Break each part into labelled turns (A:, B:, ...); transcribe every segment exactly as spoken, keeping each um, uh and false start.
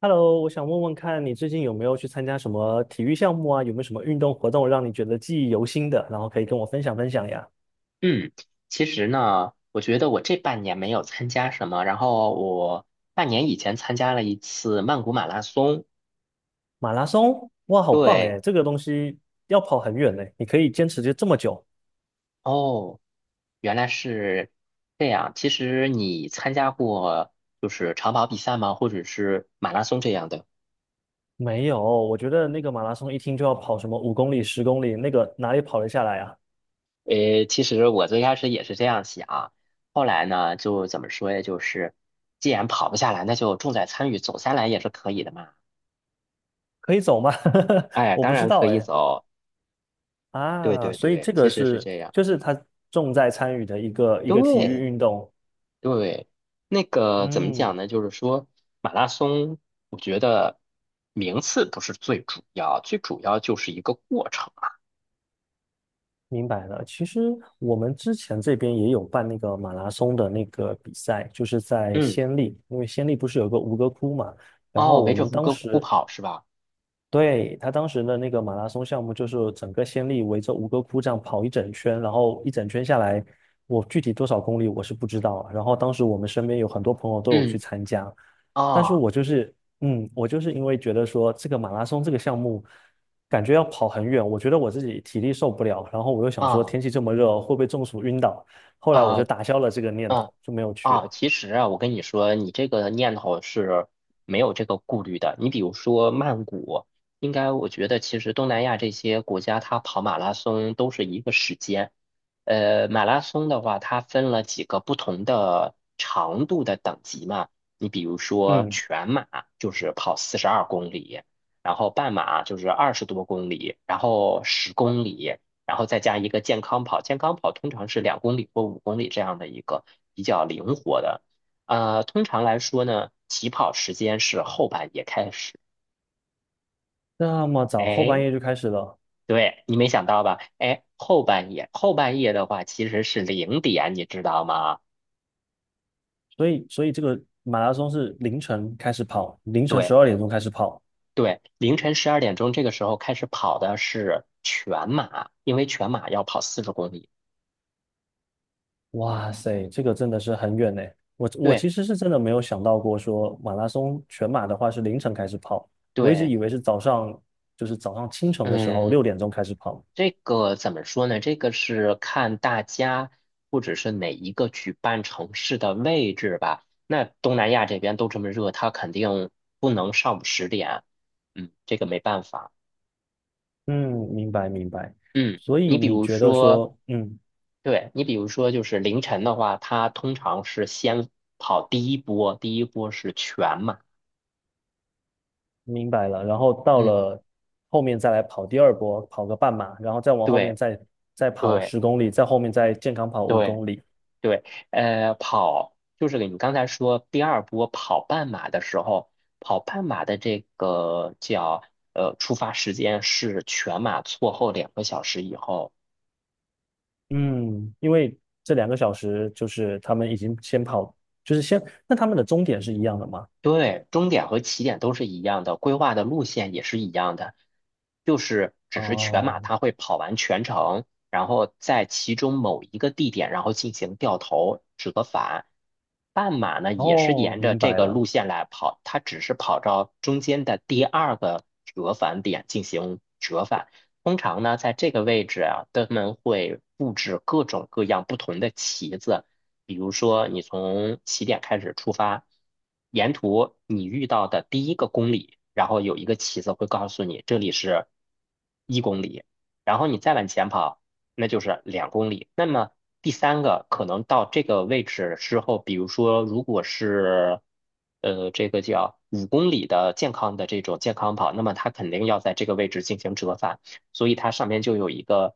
A: Hello，我想问问看你最近有没有去参加什么体育项目啊？有没有什么运动活动让你觉得记忆犹新的？然后可以跟我分享分享呀。
B: 嗯，其实呢，我觉得我这半年没有参加什么，然后我半年以前参加了一次曼谷马拉松。
A: 马拉松，哇，好棒
B: 对。
A: 哎！这个东西要跑很远呢，你可以坚持就这么久？
B: 哦，原来是这样。其实你参加过就是长跑比赛吗？或者是马拉松这样的？
A: 没有，我觉得那个马拉松一听就要跑什么五公里、十公里，那个哪里跑得下来啊？
B: 诶，其实我最开始也是这样想，后来呢，就怎么说呀？就是既然跑不下来，那就重在参与，走下来也是可以的嘛。
A: 可以走吗？
B: 哎，
A: 我
B: 当
A: 不知
B: 然
A: 道
B: 可以
A: 哎。
B: 走。对
A: 啊，
B: 对
A: 所以
B: 对，
A: 这个
B: 其实是
A: 是
B: 这样。
A: 就是他重在参与的一个一个体育
B: 对，
A: 运动。
B: 对，那个怎么
A: 嗯，
B: 讲呢？就是说，马拉松，我觉得名次不是最主要，最主要就是一个过程啊。
A: 明白了，其实我们之前这边也有办那个马拉松的那个比赛，就是在
B: 嗯，
A: 暹粒，因为暹粒不是有个吴哥窟嘛，然后
B: 哦，
A: 我
B: 围着
A: 们
B: 吴
A: 当
B: 哥窟
A: 时
B: 跑是吧？
A: 对，他当时的那个马拉松项目，就是整个先例围着吴哥窟这样跑一整圈，然后一整圈下来，我具体多少公里我是不知道。然后当时我们身边有很多朋友都有去
B: 嗯，
A: 参加，但是
B: 啊
A: 我就是，嗯，我就是因为觉得说这个马拉松这个项目，感觉要跑很远，我觉得我自己体力受不了，然后我又想说
B: 啊
A: 天气这么热会不会中暑晕倒，后来我
B: 啊
A: 就
B: 啊，
A: 打消了这个念
B: 嗯
A: 头，就没有去
B: 啊，
A: 了。
B: 其实啊，我跟你说，你这个念头是没有这个顾虑的。你比如说曼谷，应该我觉得其实东南亚这些国家，它跑马拉松都是一个时间。呃，马拉松的话，它分了几个不同的长度的等级嘛。你比如说
A: 嗯，
B: 全马就是跑四十二公里，然后半马就是二十多公里，然后十公里。然后再加一个健康跑，健康跑通常是两公里或五公里这样的一个比较灵活的。呃，通常来说呢，起跑时间是后半夜开始。
A: 那么早后半
B: 哎，
A: 夜就开始了，
B: 对，你没想到吧？哎，后半夜，后半夜的话其实是零点，你知道吗？
A: 所以所以这个马拉松是凌晨开始跑，凌晨
B: 对
A: 十二点钟开始跑。
B: 对，凌晨十二点钟这个时候开始跑的是全马，因为全马要跑四十公里。
A: 哇塞，这个真的是很远呢。我我
B: 对
A: 其实是真的没有想到过说马拉松全马的话是凌晨开始跑，我一直
B: 对。
A: 以为是早上，就是早上清晨的时候
B: 嗯，
A: 六点钟开始跑。
B: 这个怎么说呢？这个是看大家或者是哪一个举办城市的位置吧。那东南亚这边都这么热，它肯定不能上午十点。嗯，这个没办法。
A: 嗯，明白明白。
B: 嗯，
A: 所以
B: 你比
A: 你
B: 如
A: 觉得
B: 说，
A: 说，嗯，
B: 对，你比如说就是凌晨的话，它通常是先跑第一波，第一波是全马。
A: 明白了，然后到
B: 嗯，
A: 了后面再来跑第二波，跑个半马，然后再往后面
B: 对
A: 再再跑
B: 对
A: 十公里，再后面再健康跑五
B: 对
A: 公里。
B: 对。呃，跑就是你刚才说第二波跑半马的时候，跑半马的这个叫呃出发时间是全马错后两个小时以后。
A: 嗯，因为这两个小时就是他们已经先跑，就是先，那他们的终点是一样的吗？
B: 对，终点和起点都是一样的，规划的路线也是一样的，就是只是全马
A: 哦，
B: 它会跑完全程，然后在其中某一个地点，然后进行掉头折返。半马呢也是
A: 哦，
B: 沿着
A: 明
B: 这
A: 白
B: 个
A: 了。
B: 路线来跑，它只是跑到中间的第二个折返点进行折返。通常呢，在这个位置啊，他们会布置各种各样不同的旗子，比如说你从起点开始出发，沿途你遇到的第一个公里，然后有一个旗子会告诉你这里是一公里，然后你再往前跑，那就是两公里。那么第三个可能到这个位置之后，比如说如果是呃这个叫五公里的健康的这种健康跑，那么它肯定要在这个位置进行折返。所以它上面就有一个，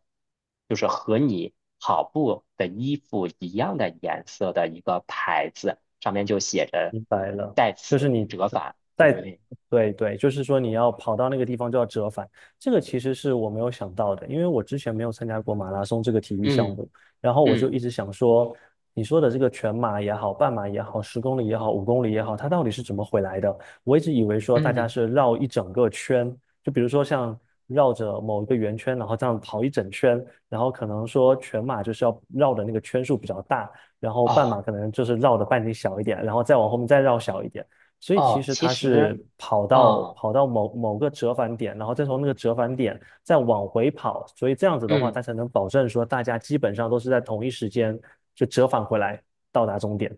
B: 就是和你跑步的衣服一样的颜色的一个牌子，上面就写着
A: 明白了，
B: 在
A: 就是
B: 此
A: 你
B: 折返，对不
A: 在，
B: 对？
A: 对对，就是说你要跑到那个地方就要折返，这个其实是我没有想到的，因为我之前没有参加过马拉松这个体育项
B: 嗯
A: 目，然后我就
B: 嗯
A: 一直想说，你说的这个全马也好，半马也好，十公里也好，五公里也好，它到底是怎么回来的？我一直以为说大家
B: 嗯，
A: 是绕一整个圈，就比如说像绕着某一个圆圈，然后这样跑一整圈，然后可能说全马就是要绕的那个圈数比较大。然后半
B: 哦
A: 马可能就是绕的半径小一点，然后再往后面再绕小一点。所以其
B: 哦。
A: 实
B: 其
A: 它
B: 实，
A: 是跑到
B: 哦，
A: 跑到某某个折返点，然后再从那个折返点再往回跑，所以这样子的话，
B: 嗯
A: 它才能保证说大家基本上都是在同一时间就折返回来到达终点。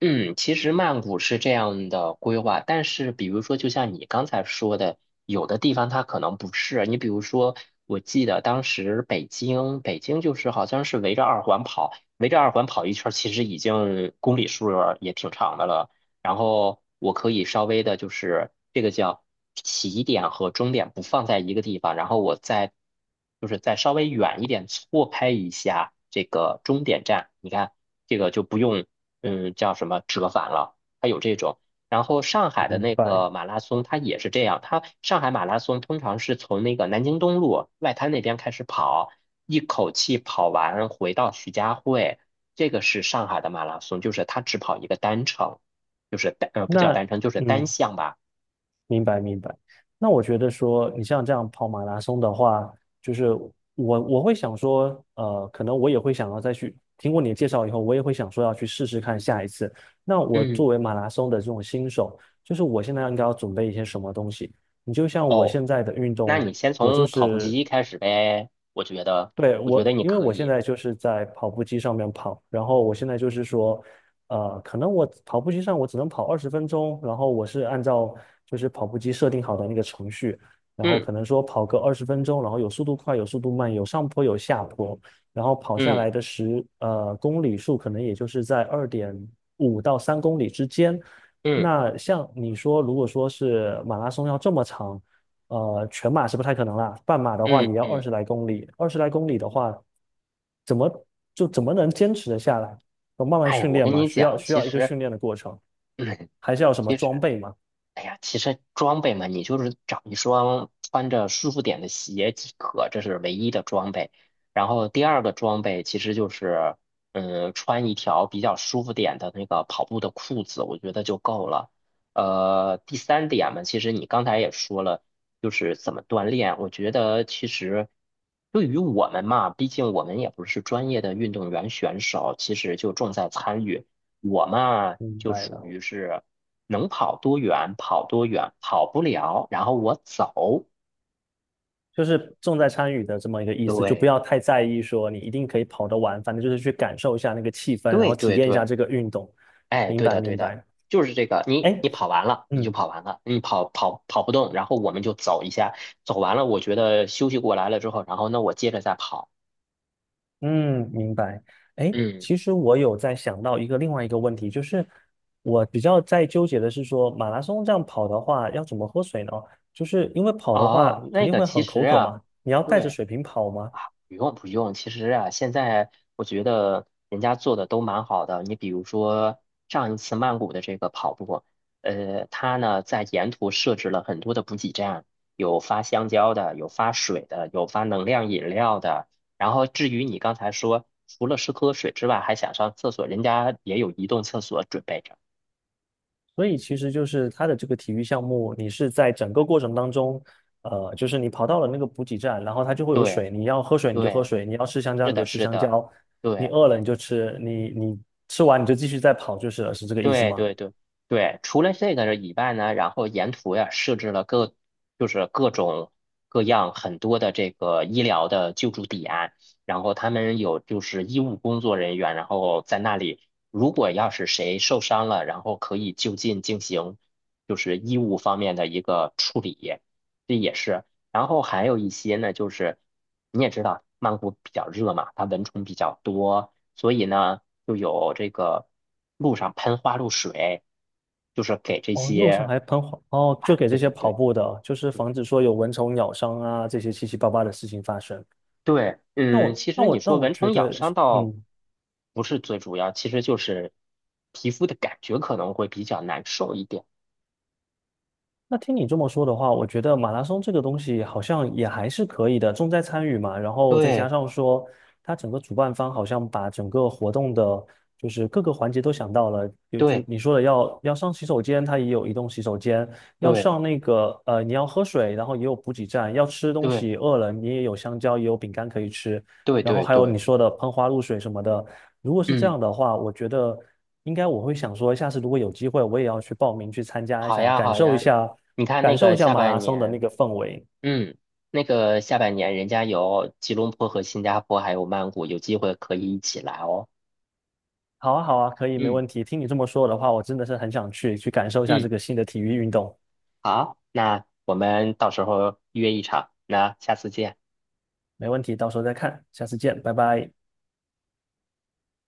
B: 嗯，其实曼谷是这样的规划，但是比如说，就像你刚才说的，有的地方它可能不是。你比如说，我记得当时北京，北京就是好像是围着二环跑，围着二环跑一圈儿，其实已经公里数儿也挺长的了。然后我可以稍微的，就是这个叫起点和终点不放在一个地方，然后我再就是再稍微远一点错开一下这个终点站，你看。这个就不用嗯，叫什么折返了，它有这种。然后上海的
A: 明
B: 那
A: 白。
B: 个马拉松，它也是这样。它上海马拉松通常是从那个南京东路外滩那边开始跑，一口气跑完回到徐家汇。这个是上海的马拉松，就是它只跑一个单程，就是单呃不叫
A: 那
B: 单程，就是单
A: 嗯，
B: 项吧。
A: 明白明白。那我觉得说，你像这样跑马拉松的话，就是我我会想说，呃，可能我也会想要再去听过你的介绍以后，我也会想说要去试试看下一次。那我作
B: 嗯，
A: 为马拉松的这种新手，就是我现在应该要准备一些什么东西？你就像我
B: 哦，
A: 现在的运
B: 那
A: 动，
B: 你先
A: 我就
B: 从跑步
A: 是
B: 机开始呗，我觉得，
A: 对，
B: 我觉得
A: 我，
B: 你
A: 因为
B: 可
A: 我现
B: 以。
A: 在就是在跑步机上面跑，然后我现在就是说，呃，可能我跑步机上我只能跑二十分钟，然后我是按照就是跑步机设定好的那个程序，然后
B: 嗯
A: 可能说跑个二十分钟，然后有速度快，有速度慢，有上坡有下坡，然后跑下
B: 嗯
A: 来的十呃公里数可能也就是在二点五到三公里之间。
B: 嗯
A: 那像你说，如果说是马拉松要这么长。呃，全马是不太可能啦，半马的话
B: 嗯
A: 也要二
B: 嗯，
A: 十来公里，二十来公里的话，怎么就怎么能坚持的下来？要慢慢
B: 哎呀，
A: 训
B: 我
A: 练
B: 跟
A: 嘛，
B: 你
A: 需要
B: 讲，
A: 需
B: 其
A: 要一个
B: 实。
A: 训练的过程，还是要有什么
B: 其
A: 装
B: 实，
A: 备嘛？
B: 哎呀，其实装备嘛，你就是找一双穿着舒服点的鞋即可，这是唯一的装备。然后第二个装备其实就是，嗯，穿一条比较舒服点的那个跑步的裤子，我觉得就够了。呃，第三点嘛，其实你刚才也说了，就是怎么锻炼。我觉得其实对于我们嘛，毕竟我们也不是专业的运动员选手，其实就重在参与。我嘛，
A: 明
B: 就
A: 白
B: 属
A: 了，
B: 于是。能跑多远跑多远，跑不了，然后我走。
A: 就是重在参与的这么一个意思，就不
B: 对，
A: 要太在意说你一定可以跑得完，反正就是去感受一下那个气氛，然
B: 对，
A: 后体
B: 对，
A: 验一下
B: 对，
A: 这个运动。
B: 哎，
A: 明
B: 对
A: 白
B: 的，对
A: 明
B: 的，
A: 白，
B: 就是这个。
A: 哎，
B: 你你跑完了，你就
A: 嗯，
B: 跑完了，你跑跑跑不动，然后我们就走一下，走完了，我觉得休息过来了之后，然后那我接着再跑。
A: 嗯，明白。哎，
B: 嗯，
A: 其实我有在想到一个另外一个问题，就是我比较在纠结的是说，马拉松这样跑的话，要怎么喝水呢？就是因为跑的话
B: 哦，
A: 肯
B: 那
A: 定
B: 个
A: 会
B: 其
A: 很
B: 实
A: 口渴
B: 啊，
A: 嘛，你要带着
B: 对。
A: 水瓶跑嘛，
B: 不用不用，其实啊，现在我觉得人家做的都蛮好的。你比如说上一次曼谷的这个跑步，呃，它呢在沿途设置了很多的补给站，有发香蕉的，有发水的，有发能量饮料的。然后至于你刚才说，除了是喝水之外，还想上厕所，人家也有移动厕所准备着。
A: 所以其实就是它的这个体育项目，你是在整个过程当中，呃，就是你跑到了那个补给站，然后它就会有
B: 对
A: 水，你要喝水你就喝
B: 对，
A: 水，你要吃香蕉
B: 是
A: 你就
B: 的，
A: 吃
B: 是
A: 香
B: 的，
A: 蕉，你
B: 对。
A: 饿了你就吃，你你吃完你就继续再跑就是了，是这个意思
B: 对
A: 吗？
B: 对对对，除了这个以外呢，然后沿途呀设置了各就是各种各样很多的这个医疗的救助点，然后他们有就是医务工作人员，然后在那里，如果要是谁受伤了，然后可以就近进行就是医务方面的一个处理，这也是。然后还有一些呢，就是你也知道曼谷比较热嘛，它蚊虫比较多。所以呢，就有这个路上喷花露水，就是给这
A: 哦，路上
B: 些，
A: 还喷火哦，就
B: 哎，
A: 给这
B: 对
A: 些
B: 对
A: 跑
B: 对
A: 步的，就是
B: 对
A: 防止说有蚊虫咬伤啊，这些七七八八的事情发生。
B: 对。
A: 那
B: 嗯，
A: 我
B: 其
A: 那
B: 实你
A: 我那
B: 说
A: 我
B: 蚊
A: 觉
B: 虫咬
A: 得，
B: 伤倒
A: 嗯，
B: 不是最主要，其实就是皮肤的感觉可能会比较难受一点。
A: 那听你这么说的话，我觉得马拉松这个东西好像也还是可以的，重在参与嘛。然后再加
B: 对
A: 上说，它整个主办方好像把整个活动的，就是各个环节都想到了。有就
B: 对
A: 你说的要要上洗手间，它也有移动洗手间；要
B: 对
A: 上那个呃，你要喝水，然后也有补给站；要吃东
B: 对
A: 西，饿了你也有香蕉，也有饼干可以吃。
B: 对
A: 然后
B: 对
A: 还有你
B: 对。
A: 说的喷花露水什么的。如果是这
B: 嗯，
A: 样的话，我觉得。应该我会想说，下次如果有机会，我也要去报名去参加一
B: 好
A: 下，
B: 呀
A: 感
B: 好
A: 受一
B: 呀，
A: 下，
B: 你看那
A: 感受
B: 个
A: 一下
B: 下
A: 马拉
B: 半
A: 松的那
B: 年，
A: 个氛围。
B: 嗯，那个下半年人家有吉隆坡和新加坡还有曼谷，有机会可以一起来哦。
A: 好啊，好啊，可以，没
B: 嗯
A: 问题。听你这么说的话，我真的是很想去，去感受一下
B: 嗯。
A: 这个新的体育运动。
B: 好，那我们到时候约一场，那下次见。
A: 没问题，到时候再看，下次见，拜拜。